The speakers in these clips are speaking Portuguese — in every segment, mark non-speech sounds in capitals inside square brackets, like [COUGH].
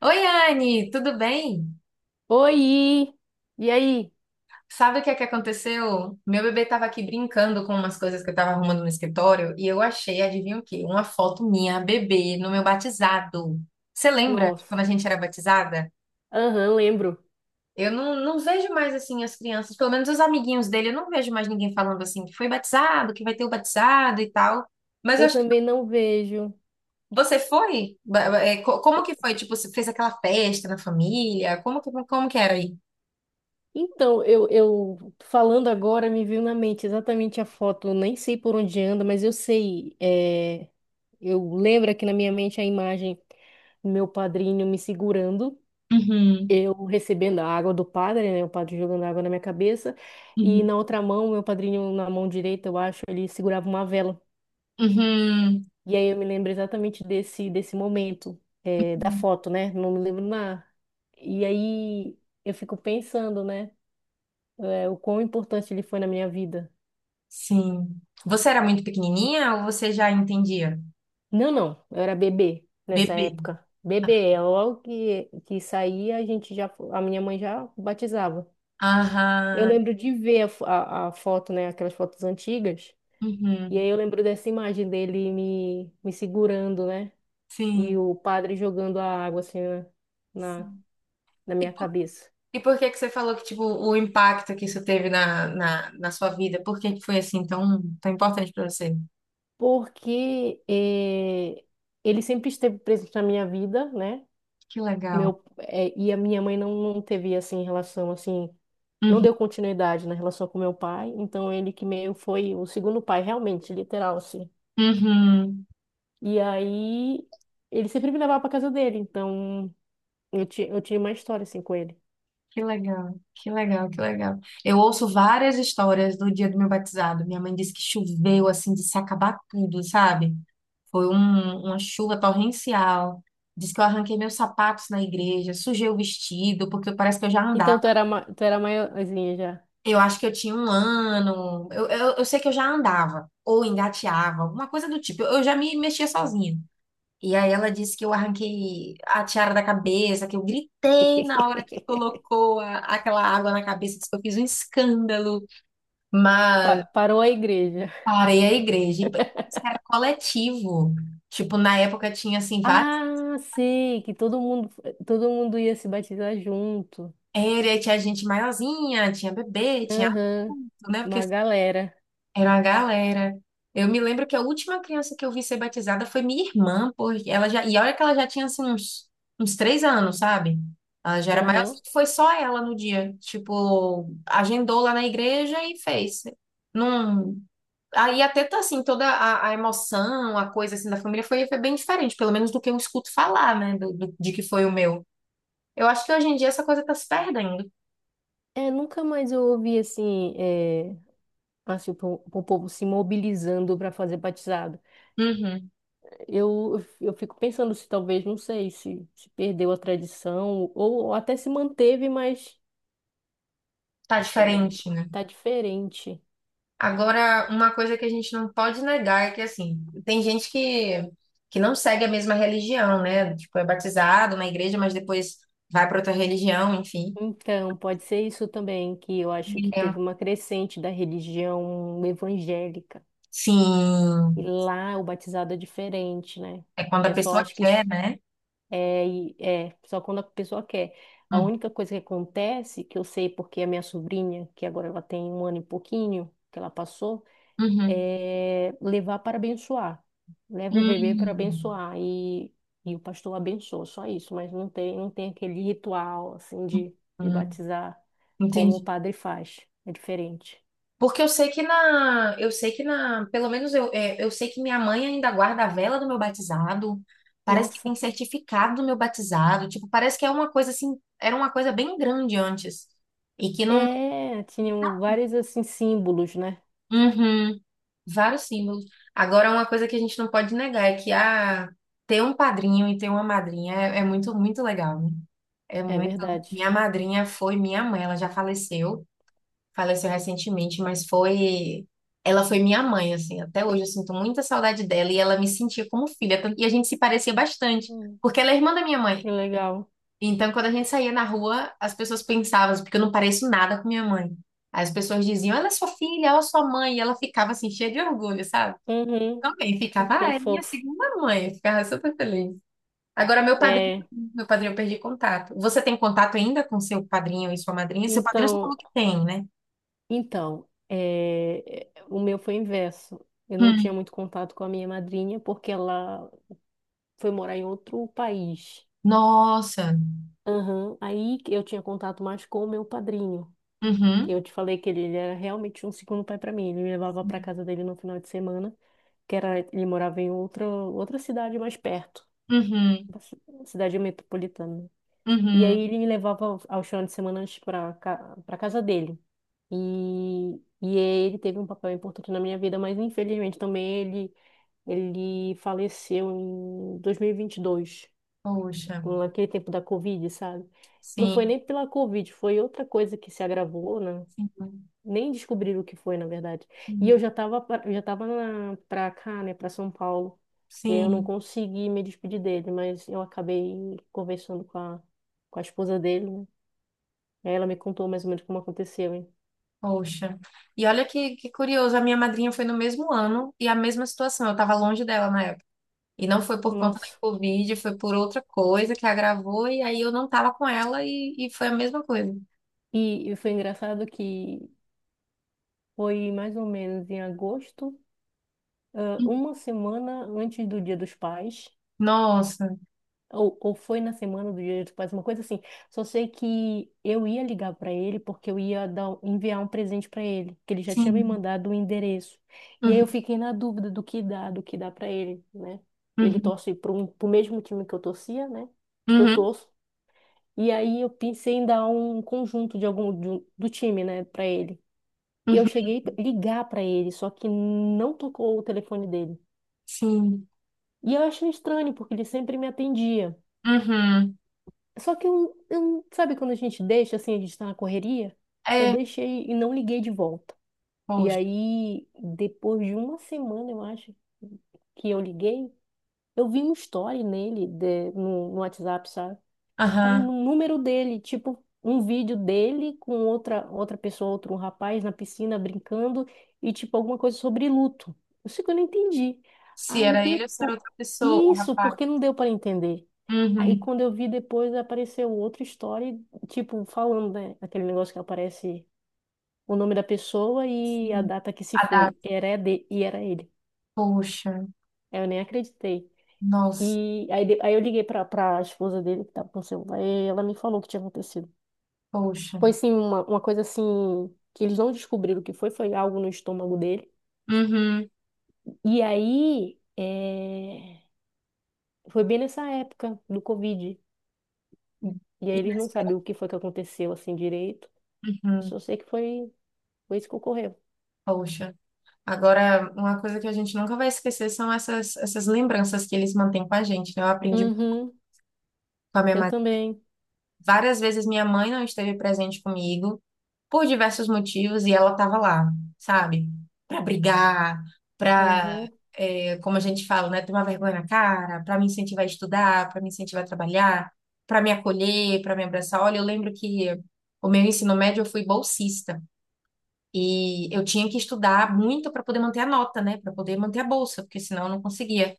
Oi, Anne, tudo bem? Oi! E aí? Sabe o que é que aconteceu? Meu bebê estava aqui brincando com umas coisas que eu estava arrumando no escritório e eu achei, adivinha o quê? Uma foto minha, bebê, no meu batizado. Você lembra de quando Nossa. a gente era batizada? Aham, lembro. Eu não, vejo mais assim as crianças, pelo menos os amiguinhos dele, eu não vejo mais ninguém falando assim que foi batizado, que vai ter o batizado e tal. Mas eu Eu achei também que não vejo. você foi? Como E- que foi? Tipo, você fez aquela festa na família? Como que era aí? Então, eu falando agora, me veio na mente exatamente a foto. Eu nem sei por onde anda, mas eu sei. Eu lembro aqui na minha mente a imagem do meu padrinho me segurando, Uhum, eu recebendo a água do padre, né? O padre jogando água na minha cabeça. E uhum. na outra mão, meu padrinho, na mão direita, eu acho, ele segurava uma vela. Uhum. E aí eu me lembro exatamente desse momento, da foto, né? Não me lembro nada. E aí eu fico pensando, né? O quão importante ele foi na minha vida. Sim. Você era muito pequenininha ou você já entendia? Não, não, eu era bebê nessa Bebê. época. Bebê, é logo que saía, a minha mãe já batizava. Eu Aham. lembro de ver a foto, né? Aquelas fotos antigas. E Uhum. aí eu lembro dessa imagem dele me segurando, né? E Sim. o padre jogando a água assim na, na Sim. na E minha por, cabeça. e por que que você falou que, tipo, o impacto que isso teve na sua vida? Por que que foi, assim, tão importante pra você? Porque ele sempre esteve presente na minha vida, né? Que legal. E a minha mãe não teve, assim, relação, assim, não Uhum. deu continuidade na relação com meu pai, então ele que meio foi o segundo pai, realmente, literal, assim. Uhum. E aí, ele sempre me levava pra casa dele, então eu tinha uma história, assim, com ele. Que legal, que legal, que legal. Eu ouço várias histórias do dia do meu batizado. Minha mãe disse que choveu assim de se acabar tudo, sabe? Uma chuva torrencial. Diz que eu arranquei meus sapatos na igreja, sujei o vestido, porque parece que eu já Então, andava. Tu era maiorzinha já. Eu acho que eu tinha 1 ano. Eu sei que eu já andava, ou engateava, alguma coisa do tipo. Eu já me mexia sozinha. E aí ela disse que eu arranquei a tiara da cabeça, que eu gritei na hora que [LAUGHS] colocou aquela água na cabeça, disse que eu fiz um escândalo, mas Parou a igreja. parei a igreja. E parece [LAUGHS] era coletivo. Tipo, na época tinha assim várias. Ah, sei, que todo mundo ia se batizar junto. Era, tinha gente maiorzinha, tinha bebê, tinha, Aham, adulto, né? Porque uma galera. era uma galera. Eu me lembro que a última criança que eu vi ser batizada foi minha irmã, porque ela já, e olha que ela já tinha assim uns 3 anos, sabe? Ela já era maior, Aham. foi só ela no dia. Tipo, agendou lá na igreja e fez. Não. Aí até tá assim, toda a emoção, a coisa assim da família foi, foi bem diferente, pelo menos do que eu escuto falar, né? De que foi o meu. Eu acho que hoje em dia essa coisa tá se perdendo. É, nunca mais eu ouvi assim, assim, o povo se mobilizando para fazer batizado. Uhum. Eu fico pensando se talvez, não sei, se perdeu a tradição ou até se manteve, mas Tá hum, diferente, né? tá diferente. Agora, uma coisa que a gente não pode negar é que, assim, que não segue a mesma religião, né? Tipo, é batizado na igreja, mas depois vai para outra religião, enfim. Então, pode ser isso também, que eu acho que É, teve uma crescente da religião evangélica. E sim, lá o batizado é diferente, né? é quando a É só, pessoa acho que isso quer, né? É só quando a pessoa quer. A Hum, única coisa que acontece, que eu sei porque a minha sobrinha, que agora ela tem um ano e pouquinho, que ela passou, uhum. é levar para abençoar. Leva o bebê para Hum, abençoar e o pastor abençoa, só isso. Mas não tem aquele ritual, assim, de hum, batizar como o entendi. padre faz. É diferente. Porque eu sei que na, pelo menos eu, é, eu sei que minha mãe ainda guarda a vela do meu batizado. Parece que tem Nossa. certificado do meu batizado. Tipo, parece que é uma coisa assim, era uma coisa bem grande antes. E que não, É, tinham vários, assim, símbolos, né? uhum, vários símbolos. Agora, uma coisa que a gente não pode negar é que ter um padrinho e ter uma madrinha é, é muito legal, né? É É muito. verdade. Minha madrinha foi minha mãe, ela já faleceu. Faleceu recentemente, mas foi. Ela foi minha mãe, assim. Até hoje eu sinto muita saudade dela e ela me sentia como filha. E a gente se parecia bastante, Hum. porque ela é irmã da minha mãe. Que legal. Então, quando a gente saía na rua, as pessoas pensavam, assim, porque eu não pareço nada com minha mãe. Aí as pessoas diziam, ela é sua filha, ela é sua mãe. E ela ficava, assim, cheia de orgulho, sabe? Uhum. Também ficava, Que ah, é minha fofo. segunda mãe. Eu ficava super feliz. Agora, É, meu padrinho, eu perdi contato. Você tem contato ainda com seu padrinho e sua madrinha? Seu padrinho você então, falou que tem, né? então, o meu foi inverso. Eu não tinha muito contato com a minha madrinha porque ela foi morar em outro país. Nossa. Aham. Aí que eu tinha contato mais com o meu padrinho, que Uhum. eu te falei que ele era realmente um segundo pai para mim. Ele me levava para casa dele no final de semana, que era ele morava em outra cidade mais perto, Uhum. uma cidade metropolitana. E aí Uhum. ele me levava aos finais de semana para casa dele. E, e ele teve um papel importante na minha vida, mas infelizmente também ele faleceu em dois mil e vinte e dois, Poxa. naquele tempo da Covid, sabe? Não foi Sim. nem pela Covid, foi outra coisa que se agravou, né? Sim. Nem descobriram o que foi, na verdade. E eu Sim. já estava pra cá, né, para São Paulo. E aí eu não Sim. consegui me despedir dele, mas eu acabei conversando com a esposa dele. Aí ela me contou mais ou menos como aconteceu, hein? Poxa. E olha que curioso, a minha madrinha foi no mesmo ano e a mesma situação. Eu estava longe dela na época. E não foi por conta da Nossa. Covid, foi por outra coisa que agravou, e aí eu não estava com ela e foi a mesma coisa. E foi engraçado que foi mais ou menos em agosto, uma semana antes do Dia dos Pais, Nossa, ou foi na semana do Dia dos Pais, uma coisa assim. Só sei que eu ia ligar para ele porque eu ia enviar um presente para ele, que ele já tinha me sim. mandado o endereço. E aí Uhum, eu fiquei na dúvida do que dá para ele, né? Ele uhum, torce para o mesmo time que eu torcia, né? Que eu uhum, torço. E aí eu pensei em dar um conjunto de algum do time, né, para ele. E eu uhum, cheguei a ligar para ele, só que não tocou o telefone dele. sim. E eu achei estranho, porque ele sempre me atendia. Uhum. Só que sabe quando a gente deixa assim, a gente tá na correria? Eu É, deixei e não liguei de volta. E poxa. aí, depois de uma semana, eu acho, que eu liguei, eu vi um story nele no WhatsApp, sabe? Aí Aham. no número dele, tipo, um vídeo dele com outra pessoa, outro rapaz na piscina brincando e tipo alguma coisa sobre luto. Isso que eu não entendi. Se Aí era ele ou se era depois outra pessoa, o isso, rapaz. porque não deu para entender. Aí Uhum. quando eu vi depois apareceu outra história, tipo, falando, né, aquele negócio que aparece o nome da pessoa e a Sim. data que se A data. foi. Era é de e era ele. Poxa. Aí eu nem acreditei. Nossa. E aí, aí eu liguei pra esposa dele que tava com o celular e ela me falou o que tinha acontecido. Poxa. Foi sim uma coisa assim que eles não descobriram o que foi, foi algo no estômago dele. Uhum. E aí foi bem nessa época do Covid. E aí eles não Inesperado. sabiam o que foi que aconteceu assim direito. Eu Uhum. só sei que foi isso que ocorreu. Poxa. Agora, uma coisa que a gente nunca vai esquecer são essas lembranças que eles mantêm com a gente, né? Eu aprendi Uhum, com a minha eu mãe. também. Várias vezes minha mãe não esteve presente comigo, por diversos motivos, e ela estava lá, sabe? Pra brigar, pra, Uhum, é, como a gente fala, né, tomar vergonha na cara, pra me incentivar a estudar, pra me incentivar a trabalhar, pra me acolher, pra me abraçar. Olha, eu lembro que o meu ensino médio eu fui bolsista e eu tinha que estudar muito para poder manter a nota, né, para poder manter a bolsa, porque senão eu não conseguia.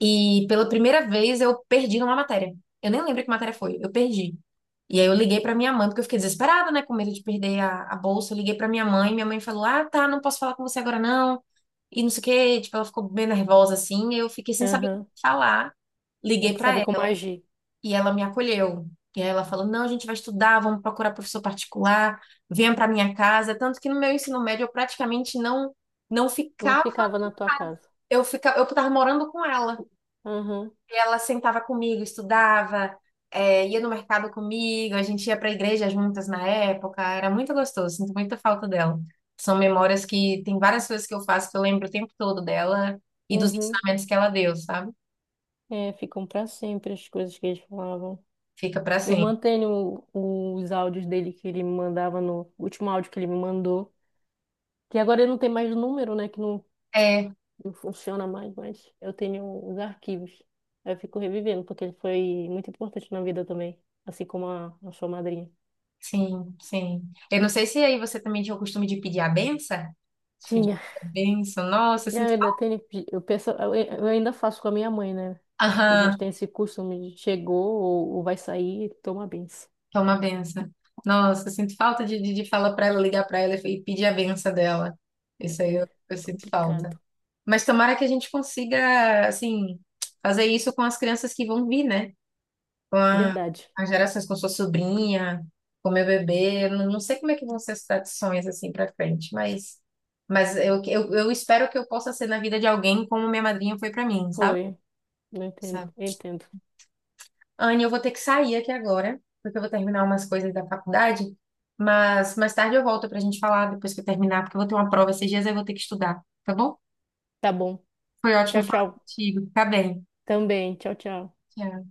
E pela primeira vez eu perdi numa matéria. Eu nem lembro que matéria foi, eu perdi. E aí eu liguei pra minha mãe, porque eu fiquei desesperada, né, com medo de perder a bolsa. Eu liguei pra minha mãe falou: "Ah, tá, não posso falar com você agora não". E não sei o quê, tipo, ela ficou bem nervosa assim, e eu fiquei sem saber o uhum. que falar. Tem Liguei que pra saber como ela agir. e ela me acolheu. E aí ela falou: "Não, a gente vai estudar, vamos procurar professor particular, venha pra minha casa". Tanto que no meu ensino médio eu praticamente não Não ficava, ficava na tua casa. eu ficava, eu tava morando com ela. Uhum, Ela sentava comigo, estudava, é, ia no mercado comigo, a gente ia para a igreja juntas na época, era muito gostoso, sinto muita falta dela. São memórias que tem várias coisas que eu faço que eu lembro o tempo todo dela e dos uhum. ensinamentos que ela deu, sabe? É, ficam pra sempre as coisas que eles falavam. Fica para Eu sempre. mantenho os áudios dele que ele me mandava no o último áudio que ele me mandou. Que agora ele não tem mais número, né? Que não, É, não funciona mais, mas eu tenho os arquivos. Aí eu fico revivendo, porque ele foi muito importante na vida também, assim como a sua madrinha. sim, sim. Eu não sei se aí você também tinha o costume de pedir a benção. De pedir Tinha. a benção, nossa, eu Eu sinto ainda falta. tenho, eu penso, eu ainda faço com a minha mãe, né? Que a gente Aham. tem esse costume de chegou ou vai sair, toma benção. Que é uma benção. Nossa, eu sinto falta de falar para ela, ligar para ela e pedir a benção dela. É Isso aí é eu sinto falta. complicado. Mas tomara que a gente consiga, assim, fazer isso com as crianças que vão vir, né? Com a, Verdade. as gerações, com sua sobrinha, com meu bebê. Eu Não, não sei como é que vão ser as tradições, assim, para frente, mas eu espero que eu possa ser na vida de alguém como minha madrinha foi para mim, sabe? Foi. Não entendo, eu entendo. Anne, eu vou ter que sair aqui agora, porque eu vou terminar umas coisas da faculdade, mas mais tarde eu volto pra gente falar depois que eu terminar, porque eu vou ter uma prova esses dias e eu vou ter que estudar, tá bom? Tá bom. Foi ótimo Tchau, falar tchau. contigo. Fica bem. Também. Tchau, tchau. Tchau.